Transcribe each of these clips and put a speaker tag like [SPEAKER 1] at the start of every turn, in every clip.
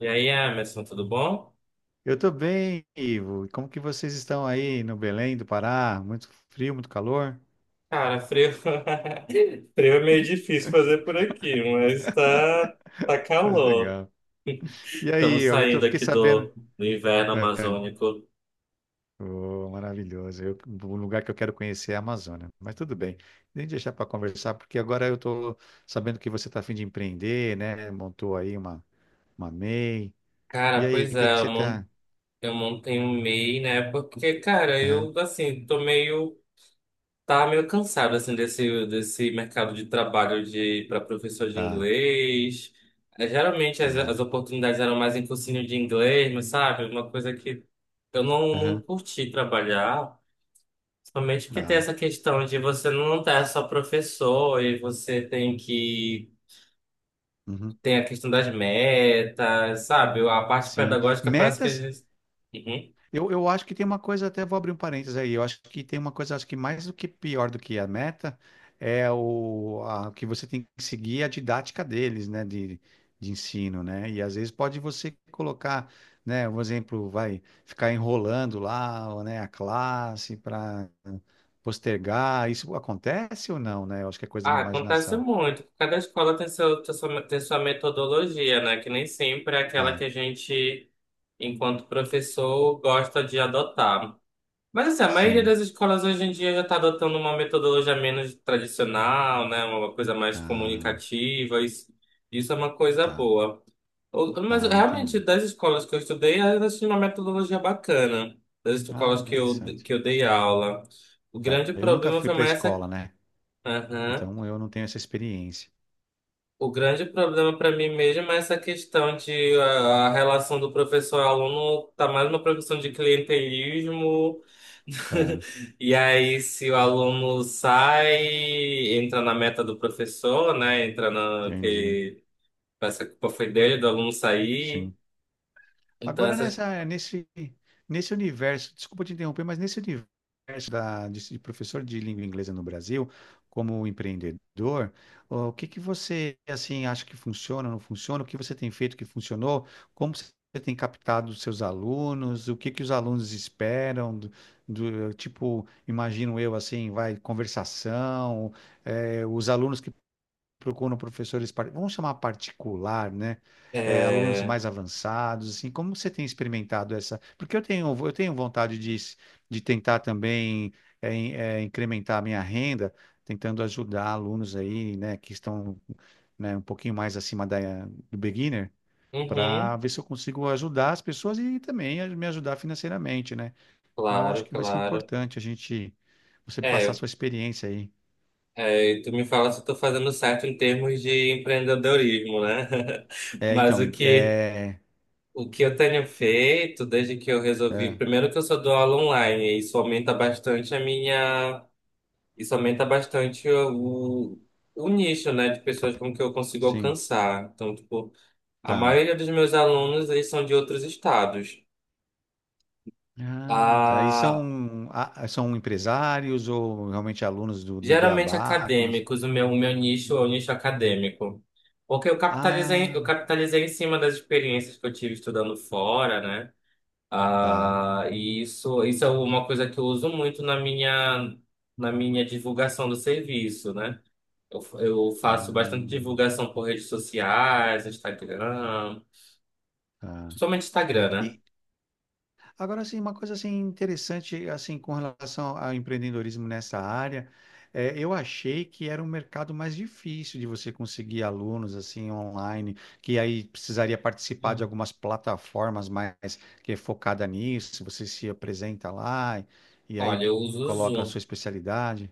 [SPEAKER 1] E aí, Emerson, tudo bom?
[SPEAKER 2] Eu tô bem, Ivo. E como que vocês estão aí no Belém do Pará? Muito frio, muito calor?
[SPEAKER 1] Cara, frio... frio é meio difícil fazer por aqui, mas tá, tá
[SPEAKER 2] Mas
[SPEAKER 1] calor.
[SPEAKER 2] legal. E aí,
[SPEAKER 1] Estamos
[SPEAKER 2] eu tô,
[SPEAKER 1] saindo
[SPEAKER 2] fiquei
[SPEAKER 1] aqui
[SPEAKER 2] sabendo.
[SPEAKER 1] do inverno
[SPEAKER 2] É,
[SPEAKER 1] amazônico.
[SPEAKER 2] oh, maravilhoso. Um lugar que eu quero conhecer é a Amazônia. Mas tudo bem. Nem deixar para conversar, porque agora eu tô sabendo que você tá a fim de empreender, né? Montou aí uma MEI. E I. E
[SPEAKER 1] Cara,
[SPEAKER 2] aí,
[SPEAKER 1] pois
[SPEAKER 2] o que que
[SPEAKER 1] é,
[SPEAKER 2] você tá?
[SPEAKER 1] eu montei um MEI, né? Porque, cara,
[SPEAKER 2] Aham,
[SPEAKER 1] eu, assim, tô meio. Tá meio cansado assim desse mercado de trabalho de para professor de
[SPEAKER 2] tá,
[SPEAKER 1] inglês. É, geralmente
[SPEAKER 2] tá,
[SPEAKER 1] as oportunidades eram mais em cursinho de inglês, mas sabe, uma coisa que eu não
[SPEAKER 2] aham,
[SPEAKER 1] curti trabalhar, principalmente porque tem
[SPEAKER 2] tá,
[SPEAKER 1] essa questão de você não estar só professor e você tem que
[SPEAKER 2] uhum.
[SPEAKER 1] tem a questão das metas, sabe? A parte
[SPEAKER 2] Sim.
[SPEAKER 1] pedagógica parece que às
[SPEAKER 2] Metas.
[SPEAKER 1] vezes. Uhum.
[SPEAKER 2] Eu acho que tem uma coisa, até vou abrir um parênteses aí. Eu acho que tem uma coisa, acho que mais do que pior do que a meta é que você tem que seguir a didática deles, né, de ensino, né? E às vezes pode você colocar, né, um exemplo, vai ficar enrolando lá, ou né, a classe para postergar. Isso acontece ou não, né? Eu acho que é coisa da
[SPEAKER 1] Ah,
[SPEAKER 2] minha
[SPEAKER 1] acontece
[SPEAKER 2] imaginação.
[SPEAKER 1] muito. Cada escola tem tem sua metodologia, né? Que nem sempre é aquela
[SPEAKER 2] Tá.
[SPEAKER 1] que a gente, enquanto professor, gosta de adotar. Mas assim, a maioria
[SPEAKER 2] Sim.
[SPEAKER 1] das escolas hoje em dia já está adotando uma metodologia menos tradicional, né? Uma coisa mais
[SPEAKER 2] Ah,
[SPEAKER 1] comunicativa. Isso, isso é uma coisa
[SPEAKER 2] tá.
[SPEAKER 1] boa. Mas
[SPEAKER 2] Ah,
[SPEAKER 1] realmente,
[SPEAKER 2] entendi.
[SPEAKER 1] das escolas que eu estudei, elas tinham uma metodologia bacana. Das
[SPEAKER 2] Ah,
[SPEAKER 1] escolas que eu,
[SPEAKER 2] interessante.
[SPEAKER 1] que eu dei aula. O
[SPEAKER 2] Tá.
[SPEAKER 1] grande
[SPEAKER 2] Eu nunca
[SPEAKER 1] problema
[SPEAKER 2] fui
[SPEAKER 1] foi
[SPEAKER 2] para a
[SPEAKER 1] mais essa.
[SPEAKER 2] escola, né?
[SPEAKER 1] Aham.
[SPEAKER 2] Então eu não tenho essa experiência,
[SPEAKER 1] O grande problema para mim mesmo é essa questão a relação do professor-aluno tá mais uma produção de clientelismo.
[SPEAKER 2] tá?
[SPEAKER 1] E aí, se o aluno sai, entra na meta do professor, né? Entra na
[SPEAKER 2] Entendi.
[SPEAKER 1] que essa culpa foi dele, do aluno sair.
[SPEAKER 2] Sim.
[SPEAKER 1] Então
[SPEAKER 2] Agora
[SPEAKER 1] essas
[SPEAKER 2] nesse universo, desculpa te interromper, mas nesse universo de professor de língua inglesa no Brasil, como empreendedor, o que que você assim acha que funciona, não funciona? O que você tem feito que funcionou? Como você tem captado os seus alunos? O que que os alunos esperam? Tipo, imagino eu assim, vai conversação, os alunos procuram professores, vamos chamar particular, né? É, alunos
[SPEAKER 1] é,
[SPEAKER 2] mais avançados, assim, como você tem experimentado essa? Eu tenho vontade de tentar também incrementar a minha renda, tentando ajudar alunos aí, né, que estão, né, um pouquinho mais acima do beginner, para
[SPEAKER 1] uhum,
[SPEAKER 2] ver se eu consigo ajudar as pessoas e também me ajudar financeiramente, né? Então, eu acho
[SPEAKER 1] claro,
[SPEAKER 2] que vai ser
[SPEAKER 1] claro.
[SPEAKER 2] importante a gente, você passar a
[SPEAKER 1] É,
[SPEAKER 2] sua experiência aí.
[SPEAKER 1] é, e tu me fala se eu tô fazendo certo em termos de empreendedorismo, né?
[SPEAKER 2] É,
[SPEAKER 1] Mas
[SPEAKER 2] então,
[SPEAKER 1] o
[SPEAKER 2] em-
[SPEAKER 1] que
[SPEAKER 2] é,
[SPEAKER 1] O que eu tenho feito desde que eu resolvi,
[SPEAKER 2] é.
[SPEAKER 1] primeiro que eu só dou aula online, e isso aumenta bastante isso aumenta bastante o nicho, né, de
[SPEAKER 2] A
[SPEAKER 1] pessoas com que eu consigo
[SPEAKER 2] sim,
[SPEAKER 1] alcançar. Então, tipo, a
[SPEAKER 2] tá.
[SPEAKER 1] maioria dos meus alunos, eles são de outros estados.
[SPEAKER 2] Ah, tá. E
[SPEAKER 1] Ah,
[SPEAKER 2] são, ah, são empresários ou realmente alunos do
[SPEAKER 1] geralmente
[SPEAKER 2] Beabá? Que não...
[SPEAKER 1] acadêmicos, o meu nicho é o nicho acadêmico. Porque eu
[SPEAKER 2] Ah,
[SPEAKER 1] capitalizei em cima das experiências que eu tive estudando fora, né?
[SPEAKER 2] tá.
[SPEAKER 1] Ah, e isso é uma coisa que eu uso muito na minha divulgação do serviço, né? Eu faço bastante
[SPEAKER 2] Ah,
[SPEAKER 1] divulgação por redes sociais, Instagram,
[SPEAKER 2] tá.
[SPEAKER 1] principalmente Instagram, né?
[SPEAKER 2] E, agora, assim, uma coisa assim interessante assim com relação ao empreendedorismo nessa área, é, eu achei que era um mercado mais difícil de você conseguir alunos assim online, que aí precisaria participar de
[SPEAKER 1] Hum.
[SPEAKER 2] algumas plataformas mais que é focada nisso. Você se apresenta lá e aí
[SPEAKER 1] Olha, eu uso o
[SPEAKER 2] coloca a sua
[SPEAKER 1] Zoom.
[SPEAKER 2] especialidade,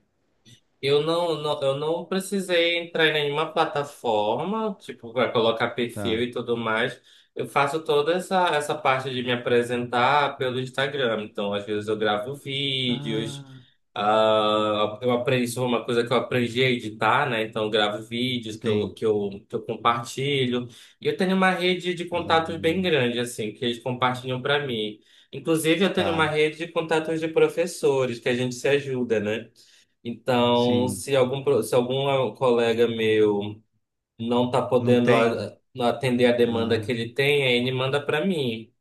[SPEAKER 1] Eu eu não precisei entrar em nenhuma plataforma, tipo, para colocar perfil
[SPEAKER 2] tá?
[SPEAKER 1] e tudo mais. Eu faço toda essa parte de me apresentar pelo Instagram. Então, às vezes eu gravo vídeos,
[SPEAKER 2] Ah,
[SPEAKER 1] ah, eu aprendi, isso foi uma coisa que eu aprendi a editar, né? Então, eu gravo vídeos que eu,
[SPEAKER 2] sim.
[SPEAKER 1] que eu, que eu compartilho. E eu tenho uma rede de contatos bem
[SPEAKER 2] Ah,
[SPEAKER 1] grande, assim, que eles compartilham para mim. Inclusive, eu tenho uma
[SPEAKER 2] tá.
[SPEAKER 1] rede de contatos de professores, que a gente se ajuda, né? Então,
[SPEAKER 2] Sim.
[SPEAKER 1] se algum colega meu não está
[SPEAKER 2] Não
[SPEAKER 1] podendo
[SPEAKER 2] tem.
[SPEAKER 1] atender a demanda que
[SPEAKER 2] Ah,
[SPEAKER 1] ele tem, aí ele manda para mim.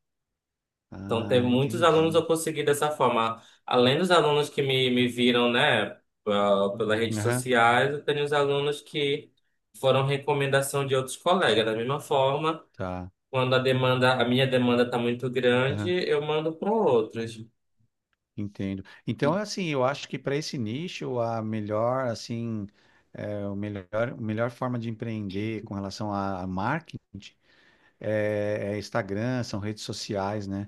[SPEAKER 1] Então,
[SPEAKER 2] ah,
[SPEAKER 1] teve muitos alunos eu
[SPEAKER 2] entendi.
[SPEAKER 1] consegui dessa forma. Além dos alunos que me viram, né, pelas redes
[SPEAKER 2] Aham,
[SPEAKER 1] sociais, eu tenho os alunos que foram recomendação de outros colegas. Da mesma forma,
[SPEAKER 2] tá,
[SPEAKER 1] quando a minha demanda está muito grande,
[SPEAKER 2] aham.
[SPEAKER 1] eu mando para outros.
[SPEAKER 2] Entendo. Então,
[SPEAKER 1] E-
[SPEAKER 2] assim, eu acho que para esse nicho, a melhor, assim, é, o melhor, a melhor forma de empreender com relação a marketing é, é Instagram, são redes sociais, né?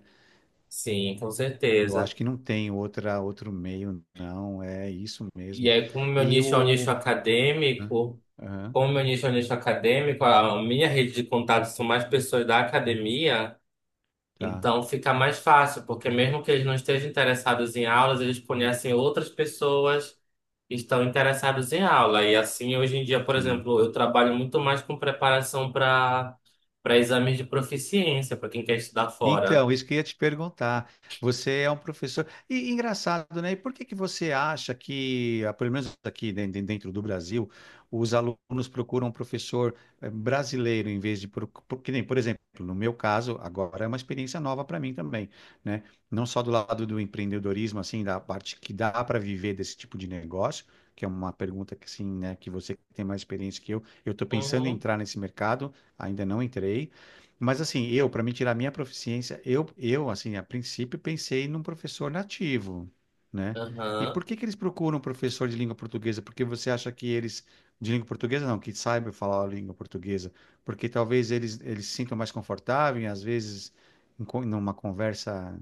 [SPEAKER 1] Sim, com
[SPEAKER 2] Eu
[SPEAKER 1] certeza.
[SPEAKER 2] acho que não tem outro meio, não. É isso
[SPEAKER 1] E
[SPEAKER 2] mesmo.
[SPEAKER 1] aí, como meu
[SPEAKER 2] E
[SPEAKER 1] nicho é um nicho
[SPEAKER 2] o. Hã?
[SPEAKER 1] acadêmico,
[SPEAKER 2] Aham,
[SPEAKER 1] como meu nicho é um nicho acadêmico, a minha rede de contatos são mais pessoas da academia,
[SPEAKER 2] tá,
[SPEAKER 1] então fica mais fácil, porque mesmo que eles não estejam interessados em aulas, eles conhecem outras pessoas que estão interessadas em aula. E assim, hoje em dia, por
[SPEAKER 2] sim.
[SPEAKER 1] exemplo, eu trabalho muito mais com preparação para exames de proficiência, para quem quer estudar fora.
[SPEAKER 2] Então, isso que eu ia te perguntar. Você é um professor. E engraçado, né? E por que que você acha que, ah, pelo menos aqui dentro do Brasil, os alunos procuram um professor brasileiro em vez que nem, por exemplo, no meu caso, agora é uma experiência nova para mim também, né? Não só do lado do empreendedorismo, assim, da parte que dá para viver desse tipo de negócio, que é uma pergunta que assim, né, que você tem mais experiência que eu. Eu estou pensando em
[SPEAKER 1] Uhum.
[SPEAKER 2] entrar nesse mercado, ainda não entrei, mas assim, eu, para me tirar minha proficiência, assim, a princípio pensei num professor nativo, né? E
[SPEAKER 1] Aham.
[SPEAKER 2] por que que eles procuram um professor de língua portuguesa? Porque você acha que eles, de língua portuguesa não, que saibam falar a língua portuguesa, porque talvez eles se sintam mais confortáveis, às vezes, numa conversa,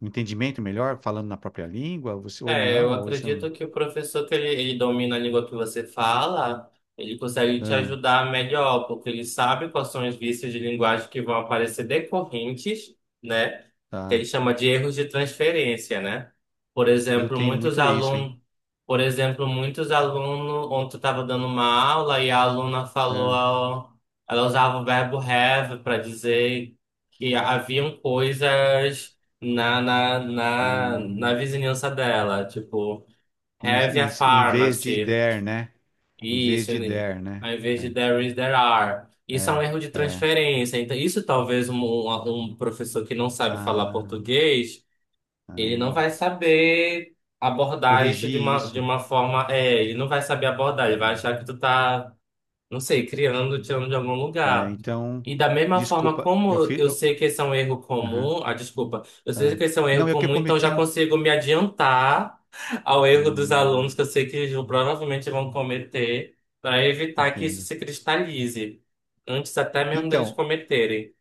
[SPEAKER 2] um entendimento melhor, falando na própria língua, você, ou
[SPEAKER 1] É, eu
[SPEAKER 2] não, ou isso... é um.
[SPEAKER 1] acredito que o professor que ele domina a língua que você fala, ele consegue te
[SPEAKER 2] Ah,
[SPEAKER 1] ajudar melhor, porque ele sabe quais são os vícios de linguagem que vão aparecer decorrentes, né? Que ele
[SPEAKER 2] tá.
[SPEAKER 1] chama de erros de transferência, né? Por
[SPEAKER 2] Eu
[SPEAKER 1] exemplo,
[SPEAKER 2] tenho
[SPEAKER 1] muitos
[SPEAKER 2] muito isso, hein?
[SPEAKER 1] alunos, por exemplo, muitos alunos, ontem eu estava dando uma aula e a aluna falou,
[SPEAKER 2] Ah,
[SPEAKER 1] ela usava o verbo have para dizer que haviam coisas na
[SPEAKER 2] ah,
[SPEAKER 1] vizinhança dela. Tipo, have a
[SPEAKER 2] em vez de
[SPEAKER 1] pharmacy.
[SPEAKER 2] der, né? Em vez
[SPEAKER 1] Isso,
[SPEAKER 2] de
[SPEAKER 1] né?
[SPEAKER 2] der, né?
[SPEAKER 1] Ao invés de
[SPEAKER 2] É,
[SPEAKER 1] there is, there are. Isso é um
[SPEAKER 2] é,
[SPEAKER 1] erro de
[SPEAKER 2] é.
[SPEAKER 1] transferência. Então, isso talvez um professor que não sabe falar
[SPEAKER 2] Ah,
[SPEAKER 1] português, ele não vai
[SPEAKER 2] ah.
[SPEAKER 1] saber abordar isso
[SPEAKER 2] Corrigi
[SPEAKER 1] de
[SPEAKER 2] isso.
[SPEAKER 1] uma forma. É, ele não vai saber abordar, ele vai
[SPEAKER 2] Hum.
[SPEAKER 1] achar que tu tá não sei, criando, tirando de algum
[SPEAKER 2] É,
[SPEAKER 1] lugar.
[SPEAKER 2] então,
[SPEAKER 1] E da mesma forma
[SPEAKER 2] desculpa, eu
[SPEAKER 1] como
[SPEAKER 2] fiz.
[SPEAKER 1] eu sei
[SPEAKER 2] Eu-
[SPEAKER 1] que esse é um erro
[SPEAKER 2] aham,
[SPEAKER 1] comum, ah, desculpa, eu sei
[SPEAKER 2] ah.
[SPEAKER 1] que esse é um
[SPEAKER 2] Não,
[SPEAKER 1] erro
[SPEAKER 2] é que eu
[SPEAKER 1] comum, então
[SPEAKER 2] cometi
[SPEAKER 1] já
[SPEAKER 2] um.
[SPEAKER 1] consigo me adiantar ao erro dos
[SPEAKER 2] Ah,
[SPEAKER 1] alunos que eu sei que eles provavelmente vão cometer, para evitar que isso
[SPEAKER 2] entendo.
[SPEAKER 1] se cristalize, antes até mesmo deles
[SPEAKER 2] Então,
[SPEAKER 1] cometerem.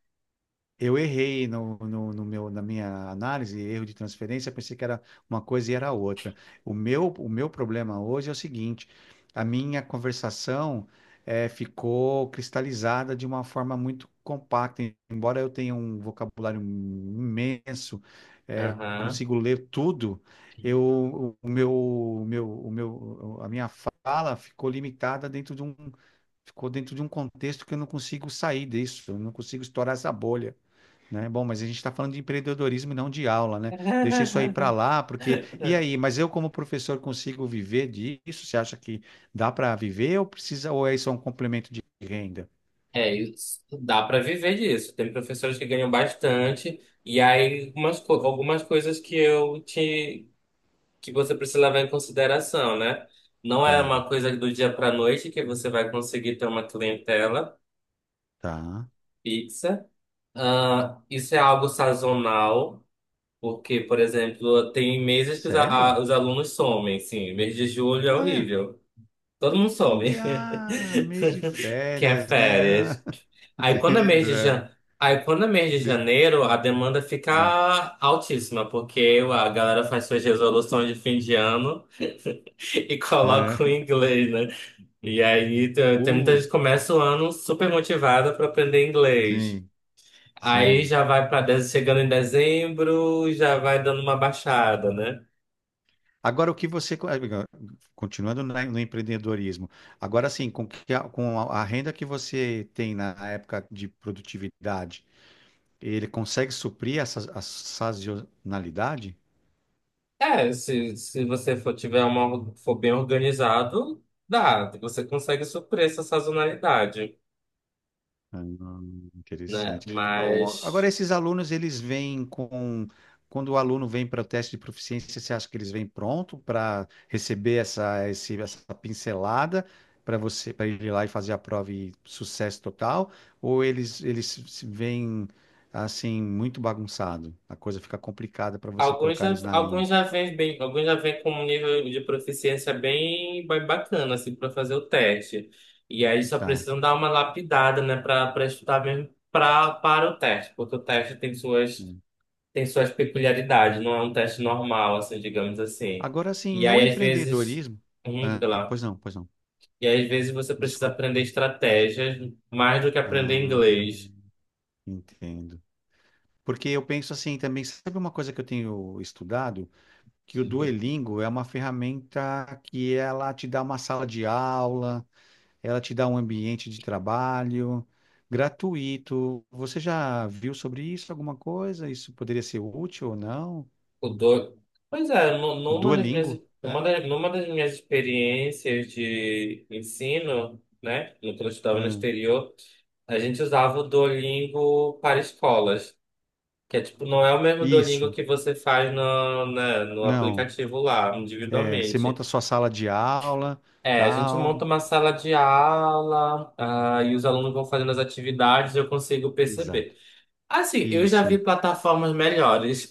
[SPEAKER 2] Eu errei no meu, na minha análise, erro de transferência, pensei que era uma coisa e era outra. O meu problema hoje é o seguinte: a minha conversação ficou cristalizada de uma forma muito compacta. Embora eu tenha um vocabulário imenso,
[SPEAKER 1] Aham.
[SPEAKER 2] consigo ler tudo, eu, a minha fala ficou limitada dentro de um, ficou dentro de um contexto que eu não consigo sair disso, eu não consigo estourar essa bolha. Né? Bom, mas a gente está falando de empreendedorismo e não de aula, né? Deixa isso aí para lá, porque. E aí, mas eu, como professor, consigo viver disso? Você acha que dá para viver ou precisa, ou é só um complemento de renda?
[SPEAKER 1] É, isso, dá para viver disso. Tem professores que ganham bastante, e aí algumas coisas que eu que você precisa levar em consideração, né? Não é
[SPEAKER 2] Tá,
[SPEAKER 1] uma coisa do dia para noite que você vai conseguir ter uma clientela
[SPEAKER 2] tá.
[SPEAKER 1] fixa. Ah, isso é algo sazonal, porque, por exemplo, tem meses que
[SPEAKER 2] Sério?
[SPEAKER 1] os alunos somem, sim. Mês de julho é
[SPEAKER 2] Olha,
[SPEAKER 1] horrível. Todo mundo some,
[SPEAKER 2] ah, mês de
[SPEAKER 1] que é
[SPEAKER 2] férias, né?
[SPEAKER 1] férias.
[SPEAKER 2] Ah,
[SPEAKER 1] Aí quando é mês
[SPEAKER 2] entendo,
[SPEAKER 1] de
[SPEAKER 2] é.
[SPEAKER 1] jan... Aí quando é mês de
[SPEAKER 2] Isso.
[SPEAKER 1] janeiro, a demanda
[SPEAKER 2] É.
[SPEAKER 1] fica altíssima, porque a galera faz suas resoluções de fim de ano e
[SPEAKER 2] É.
[SPEAKER 1] coloca o inglês, né? E aí tem muita
[SPEAKER 2] Putz,
[SPEAKER 1] gente que começa o ano super motivada para aprender inglês.
[SPEAKER 2] sim,
[SPEAKER 1] Aí
[SPEAKER 2] sim.
[SPEAKER 1] já vai para chegando em dezembro, já vai dando uma baixada, né?
[SPEAKER 2] Agora, o que você, continuando no empreendedorismo, agora sim, com, que a, com a renda que você tem na época de produtividade, ele consegue suprir essa a sazonalidade?
[SPEAKER 1] É, se você for tiver uma for bem organizado, dá, você consegue suprir essa sazonalidade,
[SPEAKER 2] Ah,
[SPEAKER 1] né?
[SPEAKER 2] interessante. Ah, uma. Agora,
[SPEAKER 1] Mas
[SPEAKER 2] esses alunos, eles vêm com. Quando o aluno vem para o teste de proficiência, você acha que eles vêm pronto para receber essa pincelada para você, para ir lá e fazer a prova e sucesso total? Ou eles se- vêm assim, muito bagunçado? A coisa fica complicada para você
[SPEAKER 1] alguns
[SPEAKER 2] colocar
[SPEAKER 1] já,
[SPEAKER 2] eles na linha.
[SPEAKER 1] alguns já vêm bem, alguns já vêm com um nível de proficiência bem, bem bacana, assim, para fazer o teste. E aí só
[SPEAKER 2] Tá.
[SPEAKER 1] precisam dar uma lapidada, né, para estudar mesmo para o teste, porque o teste tem
[SPEAKER 2] Hum.
[SPEAKER 1] tem suas peculiaridades, não é um teste normal, assim, digamos assim.
[SPEAKER 2] Agora, assim,
[SPEAKER 1] E
[SPEAKER 2] no
[SPEAKER 1] aí, às vezes,
[SPEAKER 2] empreendedorismo. Ah,
[SPEAKER 1] diga lá.
[SPEAKER 2] pois não, pois não.
[SPEAKER 1] E aí, às vezes você precisa
[SPEAKER 2] Desculpa.
[SPEAKER 1] aprender estratégias mais do que aprender
[SPEAKER 2] Ah,
[SPEAKER 1] inglês.
[SPEAKER 2] entendo. Porque eu penso assim também, sabe uma coisa que eu tenho estudado? Que o Duolingo é uma ferramenta que ela te dá uma sala de aula, ela te dá um ambiente de trabalho gratuito. Você já viu sobre isso alguma coisa? Isso poderia ser útil ou não?
[SPEAKER 1] O do... Pois é,
[SPEAKER 2] O
[SPEAKER 1] numa das minhas,
[SPEAKER 2] Duolingo, né?
[SPEAKER 1] numa das minhas experiências de ensino, né, quando eu estudava no
[SPEAKER 2] É.
[SPEAKER 1] exterior, a gente usava o Duolingo para escolas, que é tipo, não é o mesmo Duolingo
[SPEAKER 2] Isso,
[SPEAKER 1] que você faz no
[SPEAKER 2] não.
[SPEAKER 1] aplicativo lá,
[SPEAKER 2] É, você
[SPEAKER 1] individualmente.
[SPEAKER 2] monta sua sala de aula,
[SPEAKER 1] É, a gente monta
[SPEAKER 2] tal.
[SPEAKER 1] uma sala de aula, ah, e os alunos vão fazendo as atividades, eu consigo
[SPEAKER 2] Exato.
[SPEAKER 1] perceber. Assim, eu já vi
[SPEAKER 2] Isso.
[SPEAKER 1] plataformas melhores,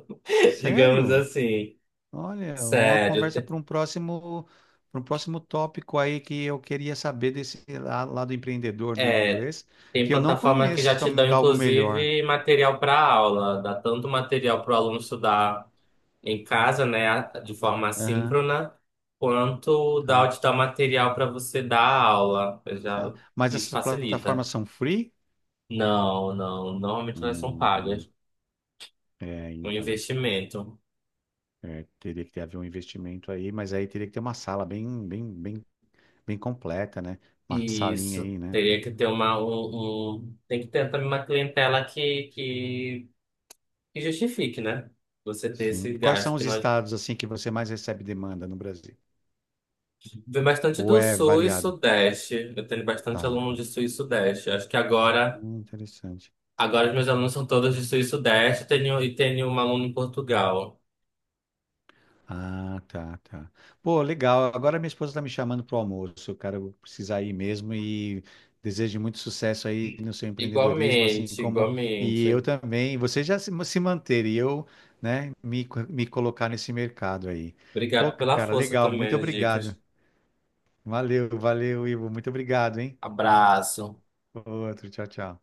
[SPEAKER 1] digamos
[SPEAKER 2] Sério?
[SPEAKER 1] assim.
[SPEAKER 2] Olha, uma
[SPEAKER 1] Sério,
[SPEAKER 2] conversa
[SPEAKER 1] te-
[SPEAKER 2] para um próximo tópico aí que eu queria saber desse lado empreendedor do
[SPEAKER 1] É,
[SPEAKER 2] inglês,
[SPEAKER 1] tem
[SPEAKER 2] que eu não
[SPEAKER 1] plataformas que já
[SPEAKER 2] conheço
[SPEAKER 1] te dão,
[SPEAKER 2] algo melhor.
[SPEAKER 1] inclusive, material para aula, dá tanto material para o aluno estudar em casa, né, de forma
[SPEAKER 2] Aham,
[SPEAKER 1] assíncrona, quanto dá
[SPEAKER 2] tá,
[SPEAKER 1] te dar material para você dar aula. Eu já,
[SPEAKER 2] tá. Mas
[SPEAKER 1] isso
[SPEAKER 2] essas
[SPEAKER 1] facilita.
[SPEAKER 2] plataformas são free?
[SPEAKER 1] Não, não, normalmente elas são
[SPEAKER 2] Hum,
[SPEAKER 1] pagas,
[SPEAKER 2] é,
[SPEAKER 1] um
[SPEAKER 2] então,
[SPEAKER 1] investimento.
[SPEAKER 2] é, teria que ter, haver um investimento aí, mas aí teria que ter uma sala bem, bem completa, né? Uma salinha
[SPEAKER 1] Isso,
[SPEAKER 2] aí, né?
[SPEAKER 1] teria que ter tem que ter também uma clientela que justifique, né? Você ter
[SPEAKER 2] Sim. E
[SPEAKER 1] esse
[SPEAKER 2] quais são
[SPEAKER 1] gasto que
[SPEAKER 2] os
[SPEAKER 1] nós.
[SPEAKER 2] estados assim que você mais recebe demanda no Brasil?
[SPEAKER 1] Vem bastante
[SPEAKER 2] Ou
[SPEAKER 1] do
[SPEAKER 2] é
[SPEAKER 1] Sul e
[SPEAKER 2] variado?
[SPEAKER 1] Sudeste. Eu tenho bastante aluno
[SPEAKER 2] Tá.
[SPEAKER 1] de Sul e Sudeste. Acho que agora,
[SPEAKER 2] Interessante.
[SPEAKER 1] agora os meus alunos são todos de Sul e Sudeste. Tenho, e tenho um aluno em Portugal.
[SPEAKER 2] Ah, tá, tá. Pô, legal. Agora minha esposa tá me chamando pro almoço, cara. Eu vou precisar ir mesmo e desejo muito sucesso aí no seu empreendedorismo, assim
[SPEAKER 1] Igualmente,
[SPEAKER 2] como e eu
[SPEAKER 1] igualmente.
[SPEAKER 2] também. Você já se, se manter e eu, né, me colocar nesse mercado aí. Pô,
[SPEAKER 1] Obrigado pela
[SPEAKER 2] cara,
[SPEAKER 1] força
[SPEAKER 2] legal. Muito
[SPEAKER 1] também, as dicas.
[SPEAKER 2] obrigado. Valeu, valeu, Ivo. Muito obrigado, hein?
[SPEAKER 1] Abraço.
[SPEAKER 2] Outro, tchau, tchau.